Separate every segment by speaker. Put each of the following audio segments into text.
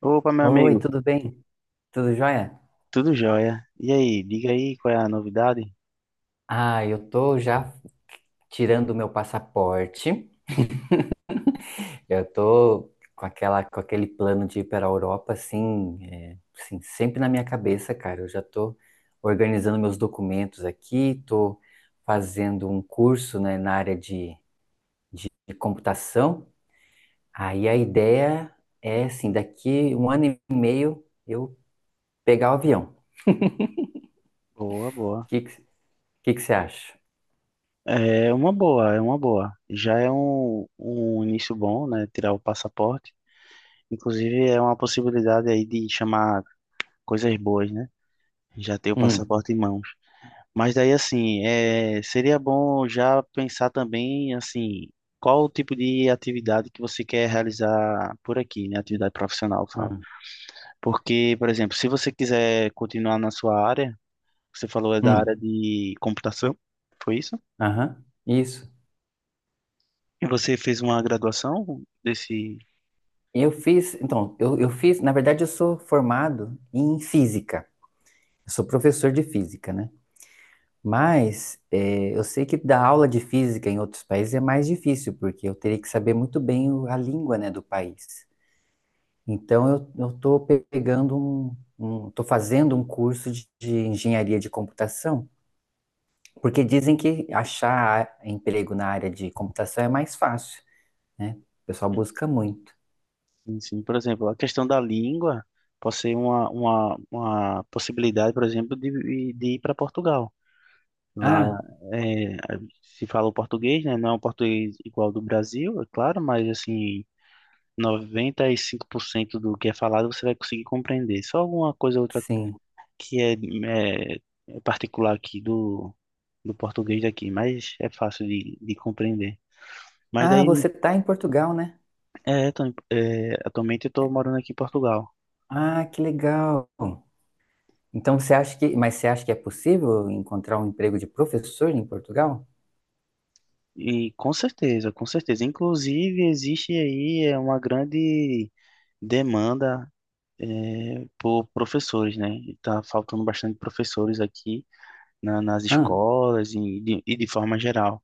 Speaker 1: Opa, meu
Speaker 2: Oi,
Speaker 1: amigo,
Speaker 2: tudo bem? Tudo jóia?
Speaker 1: tudo jóia? E aí, diga aí qual é a novidade?
Speaker 2: Ah, eu tô já tirando o meu passaporte. Eu tô com aquele plano de ir para a Europa, assim, assim, sempre na minha cabeça, cara. Eu já tô organizando meus documentos aqui, tô fazendo um curso, né, na área de computação. Aí a ideia é, assim, daqui um ano e meio eu pegar o avião.
Speaker 1: Boa,
Speaker 2: O
Speaker 1: boa.
Speaker 2: que que, que você acha?
Speaker 1: É uma boa, é uma boa. Já é um início bom, né? Tirar o passaporte. Inclusive, é uma possibilidade aí de chamar coisas boas, né? Já ter o
Speaker 2: Hum,
Speaker 1: passaporte em mãos. Mas daí, assim, é, seria bom já pensar também, assim, qual o tipo de atividade que você quer realizar por aqui, né? Atividade profissional, eu falo.
Speaker 2: hum,
Speaker 1: Porque, por exemplo, se você quiser continuar na sua área, você falou é da área
Speaker 2: hum.
Speaker 1: de computação, foi isso?
Speaker 2: Aham, isso.
Speaker 1: E você fez uma graduação desse
Speaker 2: Eu fiz, então, eu fiz, na verdade, eu sou formado em física. Eu sou professor de física, né? Mas eu sei que dar aula de física em outros países é mais difícil, porque eu teria que saber muito bem a língua, né, do país. Então, eu tô tô fazendo um curso de, engenharia de computação, porque dizem que achar emprego na área de computação é mais fácil, né? O pessoal busca muito.
Speaker 1: ensino? Por exemplo, a questão da língua pode ser uma, uma possibilidade, por exemplo, de ir para Portugal. Lá
Speaker 2: Ah,
Speaker 1: é, se fala o português, né? Não é um português igual ao do Brasil, é claro, mas assim, 95% do que é falado você vai conseguir compreender. Só alguma coisa ou outra
Speaker 2: sim.
Speaker 1: que é, é, é particular aqui do, do português daqui, mas é fácil de compreender. Mas
Speaker 2: Ah,
Speaker 1: daí,
Speaker 2: você está em Portugal, né?
Speaker 1: é, Tony, é, atualmente eu estou morando aqui em Portugal.
Speaker 2: Ah, que legal. Então mas você acha que é possível encontrar um emprego de professor em Portugal?
Speaker 1: E com certeza, com certeza. Inclusive, existe aí é, uma grande demanda é, por professores, né? Está faltando bastante professores aqui nas
Speaker 2: Ah,
Speaker 1: escolas e de forma geral.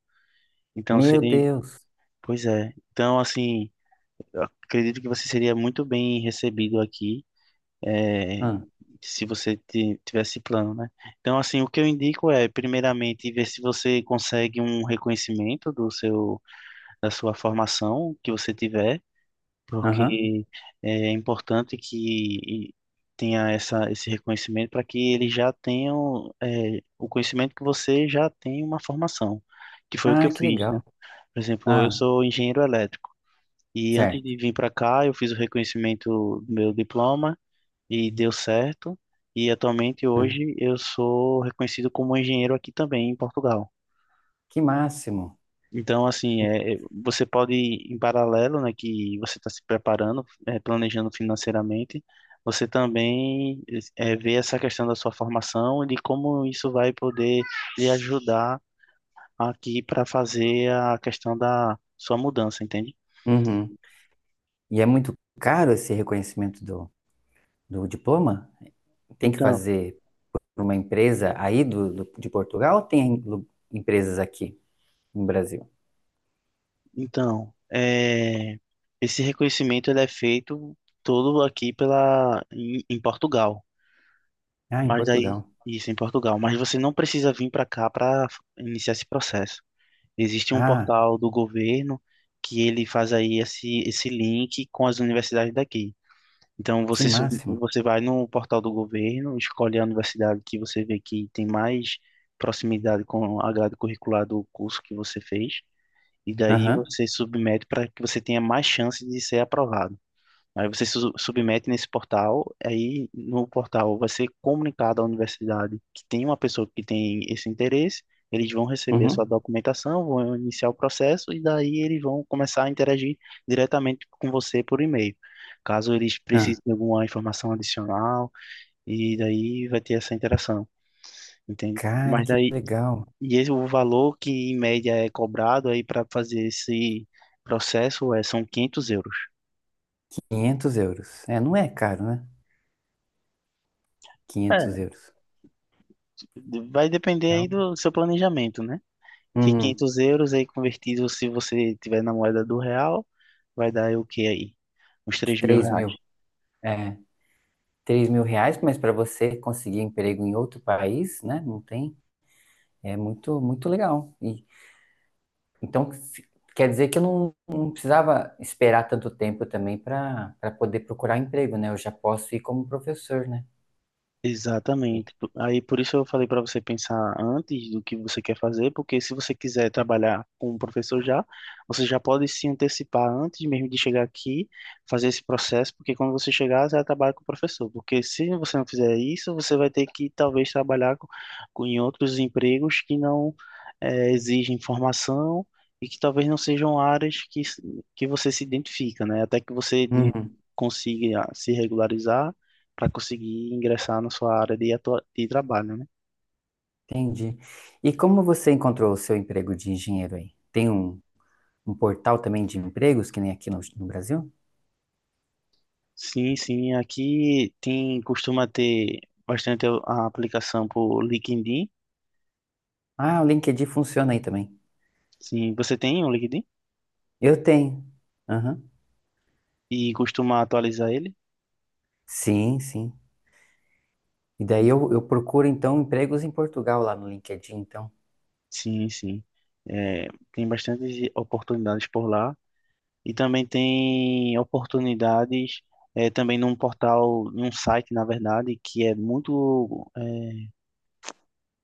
Speaker 1: Então,
Speaker 2: meu
Speaker 1: seria...
Speaker 2: Deus.
Speaker 1: Pois é. Então, assim, eu acredito que você seria muito bem recebido aqui é,
Speaker 2: Ah,
Speaker 1: se você tivesse plano, né? Então, assim, o que eu indico é, primeiramente, ver se você consegue um reconhecimento do seu, da sua formação que você tiver,
Speaker 2: aham.
Speaker 1: porque é importante que tenha essa, esse reconhecimento para que eles já tenham é, o conhecimento que você já tem uma formação, que foi o que eu
Speaker 2: Ah, que
Speaker 1: fiz, né?
Speaker 2: legal.
Speaker 1: Por exemplo, eu
Speaker 2: Ah,
Speaker 1: sou engenheiro elétrico. E antes
Speaker 2: certo.
Speaker 1: de vir para cá, eu fiz o reconhecimento do meu diploma, e deu certo. E atualmente
Speaker 2: Ah,
Speaker 1: hoje eu sou reconhecido como engenheiro aqui também em Portugal.
Speaker 2: que máximo.
Speaker 1: Então, assim, é, é, você pode, em paralelo, né, que você está se preparando, é, planejando financeiramente, você também é, vê essa questão da sua formação e de como isso vai poder lhe ajudar aqui para fazer a questão da sua mudança, entende?
Speaker 2: Uhum. E é muito caro esse reconhecimento do, do, diploma? Tem que
Speaker 1: Então,
Speaker 2: fazer para uma empresa aí de Portugal ou tem empresas aqui no Brasil?
Speaker 1: então, é, esse reconhecimento ele é feito todo aqui pela em Portugal,
Speaker 2: Ah, em
Speaker 1: mas daí
Speaker 2: Portugal.
Speaker 1: isso em Portugal, mas você não precisa vir para cá para iniciar esse processo. Existe um
Speaker 2: Ah,
Speaker 1: portal do governo que ele faz aí esse link com as universidades daqui. Então
Speaker 2: que
Speaker 1: você
Speaker 2: máximo.
Speaker 1: você vai no portal do governo, escolhe a universidade que você vê que tem mais proximidade com a grade curricular do curso que você fez e daí
Speaker 2: Aham.
Speaker 1: você submete para que você tenha mais chance de ser aprovado. Aí você su submete nesse portal, aí no portal vai ser comunicado à universidade que tem uma pessoa que tem esse interesse, eles vão receber a sua
Speaker 2: Uhum.
Speaker 1: documentação, vão iniciar o processo e daí eles vão começar a interagir diretamente com você por e-mail. Caso eles precisem de alguma informação adicional, e daí vai ter essa interação, entende?
Speaker 2: Cara,
Speaker 1: Mas
Speaker 2: que
Speaker 1: daí
Speaker 2: legal.
Speaker 1: e esse, o valor que em média é cobrado aí para fazer esse processo é, são 500 euros.
Speaker 2: 500 euros. É, não é caro, né? Quinhentos
Speaker 1: É,
Speaker 2: euros.
Speaker 1: vai depender aí
Speaker 2: Então,
Speaker 1: do seu planejamento, né? Que
Speaker 2: uhum,
Speaker 1: 500 euros aí convertido, se você tiver na moeda do real, vai dar aí o que aí? Uns três mil
Speaker 2: 3
Speaker 1: reais.
Speaker 2: mil. É, três mil reais, mas para você conseguir emprego em outro país, né? Não tem. É muito, muito legal. E, então, quer dizer que eu não precisava esperar tanto tempo também para poder procurar emprego, né? Eu já posso ir como professor, né? E-
Speaker 1: Exatamente. Aí por isso eu falei para você pensar antes do que você quer fazer, porque se você quiser trabalhar com o professor já, você já pode se antecipar antes mesmo de chegar aqui, fazer esse processo, porque quando você chegar, você já trabalha com o professor. Porque se você não fizer isso, você vai ter que talvez trabalhar com, em outros empregos que não exigem formação e que talvez não sejam áreas que, que você se identifica, né? Até que você
Speaker 2: Uhum,
Speaker 1: consiga se regularizar para conseguir ingressar na sua área de, de trabalho, né?
Speaker 2: entendi. E como você encontrou o seu emprego de engenheiro aí? Tem um portal também de empregos, que nem aqui no Brasil?
Speaker 1: Sim, sim, aqui tem costuma ter bastante a aplicação por LinkedIn.
Speaker 2: Ah, o LinkedIn funciona aí também.
Speaker 1: Sim, você tem um LinkedIn
Speaker 2: Eu tenho. Aham.
Speaker 1: e costuma atualizar ele?
Speaker 2: Sim, sim. E daí
Speaker 1: Hum.
Speaker 2: eu procuro, então, empregos em Portugal lá no LinkedIn, então.
Speaker 1: Sim, sim. É, tem bastantes oportunidades por lá e também tem oportunidades é, também num portal, num site, na verdade, que é muito é,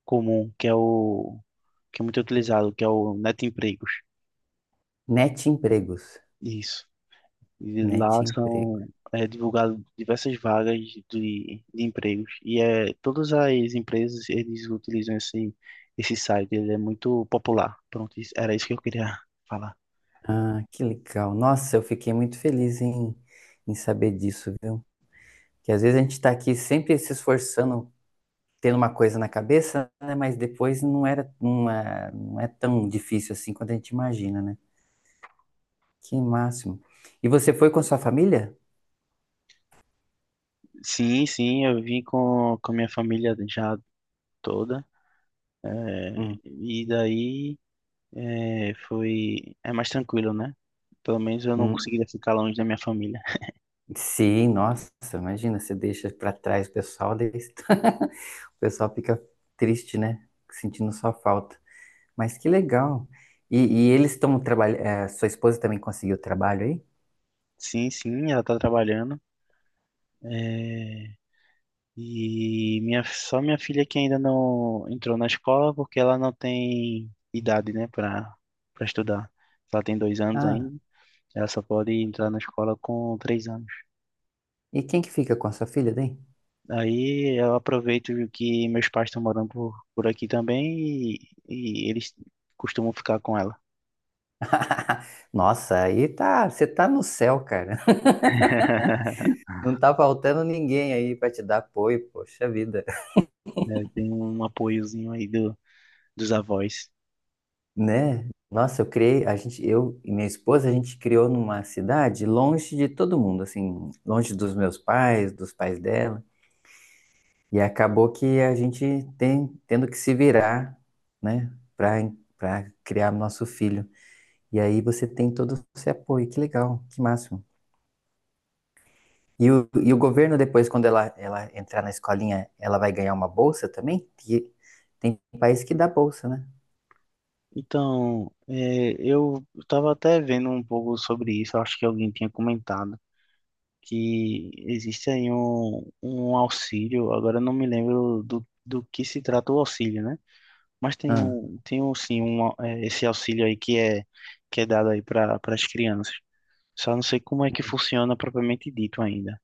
Speaker 1: comum, que é o que é muito utilizado, que é o Net Empregos.
Speaker 2: Net Empregos.
Speaker 1: Isso. E
Speaker 2: Net
Speaker 1: lá
Speaker 2: Emprego.
Speaker 1: são é, divulgadas diversas vagas de empregos. E é, todas as empresas, eles utilizam esse, esse site, ele é muito popular. Pronto, era isso que eu queria falar.
Speaker 2: Ah, que legal. Nossa, eu fiquei muito feliz em saber disso, viu? Que às vezes a gente está aqui sempre se esforçando, tendo uma coisa na cabeça, né? Mas depois não era, não é tão difícil assim quanto a gente imagina, né? Que máximo. E você foi com sua família?
Speaker 1: Sim, sim, eu vim com a minha família já toda. É,
Speaker 2: Hum,
Speaker 1: e daí é, foi... É mais tranquilo, né? Pelo menos eu não
Speaker 2: hum.
Speaker 1: conseguiria ficar longe da minha família.
Speaker 2: Sim, nossa, imagina, você deixa pra trás o pessoal, daí o pessoal fica triste, né? Sentindo sua falta. Mas que legal. E, e eles estão trabalhando. Sua esposa também conseguiu trabalho aí?
Speaker 1: Sim, sim, ela tá trabalhando. É, e minha, só minha filha que ainda não entrou na escola porque ela não tem idade, né, para para estudar. Ela tem 2 anos
Speaker 2: Ah,
Speaker 1: ainda. Ela só pode entrar na escola com 3 anos.
Speaker 2: e quem que fica com a sua filha daí?
Speaker 1: Aí eu aproveito que meus pais estão morando por aqui também e eles costumam ficar com ela.
Speaker 2: Nossa, aí tá, você tá no céu, cara. Não tá faltando ninguém aí pra te dar apoio, poxa vida.
Speaker 1: É, tem um apoiozinho aí do, dos avós.
Speaker 2: Né? Nossa, a gente, eu e minha esposa, a gente criou numa cidade longe de todo mundo, assim, longe dos meus pais, dos pais dela, e acabou que a gente tem tendo que se virar, né, para criar nosso filho. E aí você tem todo esse apoio, que legal, que máximo. E o governo depois, quando ela entrar na escolinha, ela vai ganhar uma bolsa também? Que tem país que dá bolsa, né?
Speaker 1: Então, é, eu estava até vendo um pouco sobre isso, acho que alguém tinha comentado que existe aí um auxílio, agora eu não me lembro do, do que se trata o auxílio, né? Mas
Speaker 2: Ah.
Speaker 1: tem um, sim, um, é, esse auxílio aí que é dado aí para as crianças. Só não sei como é que funciona propriamente dito ainda.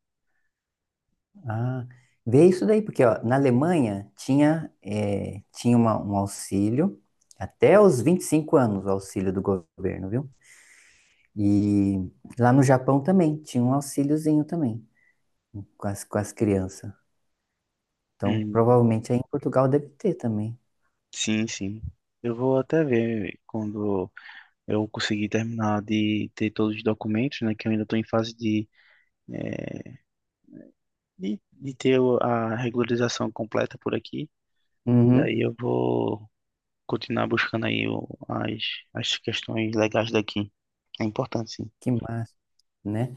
Speaker 2: Ah, vê isso daí, porque ó, na Alemanha tinha, tinha um auxílio até os 25 anos, o auxílio do governo, viu? E lá no Japão também tinha um auxíliozinho também com as, crianças. Então,
Speaker 1: Hum,
Speaker 2: provavelmente aí em Portugal deve ter também.
Speaker 1: sim, sim. Eu vou até ver quando eu conseguir terminar de ter todos os documentos, né? Que eu ainda estou em fase de ter a regularização completa por aqui.
Speaker 2: Uhum.
Speaker 1: Daí eu vou continuar buscando aí as, as questões legais daqui. É importante, sim.
Speaker 2: Que massa, né?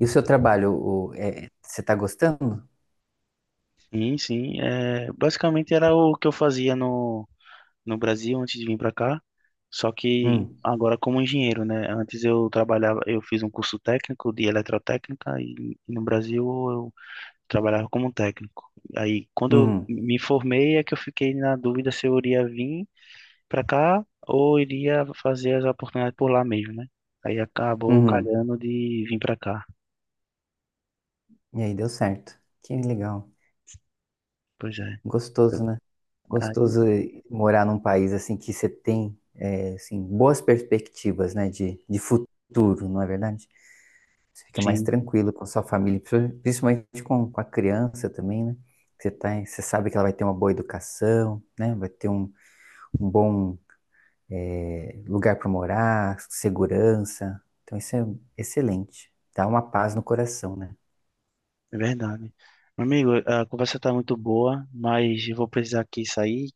Speaker 2: E o seu trabalho, você tá gostando?
Speaker 1: Sim, sim. É, basicamente era o que eu fazia no, no Brasil antes de vir para cá. Só que
Speaker 2: Hum,
Speaker 1: agora como engenheiro, né? Antes eu trabalhava, eu fiz um curso técnico de eletrotécnica e no Brasil eu trabalhava como técnico. Aí quando eu
Speaker 2: hum,
Speaker 1: me formei é que eu fiquei na dúvida se eu iria vir para cá ou iria fazer as oportunidades por lá mesmo, né? Aí acabou
Speaker 2: uhum.
Speaker 1: calhando de vir para cá.
Speaker 2: E aí deu certo. Que legal.
Speaker 1: Pois é.
Speaker 2: Gostoso, né?
Speaker 1: Aí,
Speaker 2: Gostoso morar num país assim que você tem assim, boas perspectivas, né, de, futuro, não é verdade? Você fica mais
Speaker 1: sim,
Speaker 2: tranquilo com a sua família, principalmente com a criança também, né? Você tá, você sabe que ela vai ter uma boa educação, né? Vai ter um bom lugar para morar, segurança. Então isso é excelente. Dá uma paz no coração, né?
Speaker 1: é verdade. Meu amigo, a conversa tá muito boa, mas eu vou precisar aqui sair.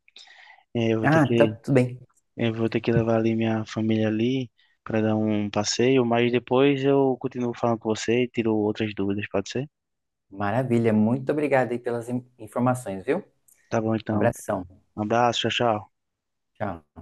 Speaker 1: É, eu vou ter
Speaker 2: Ah, tá
Speaker 1: que,
Speaker 2: tudo bem.
Speaker 1: eu vou ter que levar ali minha família ali para dar um passeio, mas depois eu continuo falando com você e tiro outras dúvidas, pode ser?
Speaker 2: Maravilha. Muito obrigado aí pelas informações, viu?
Speaker 1: Tá bom, então.
Speaker 2: Abração.
Speaker 1: Um abraço, tchau, tchau.
Speaker 2: Tchau.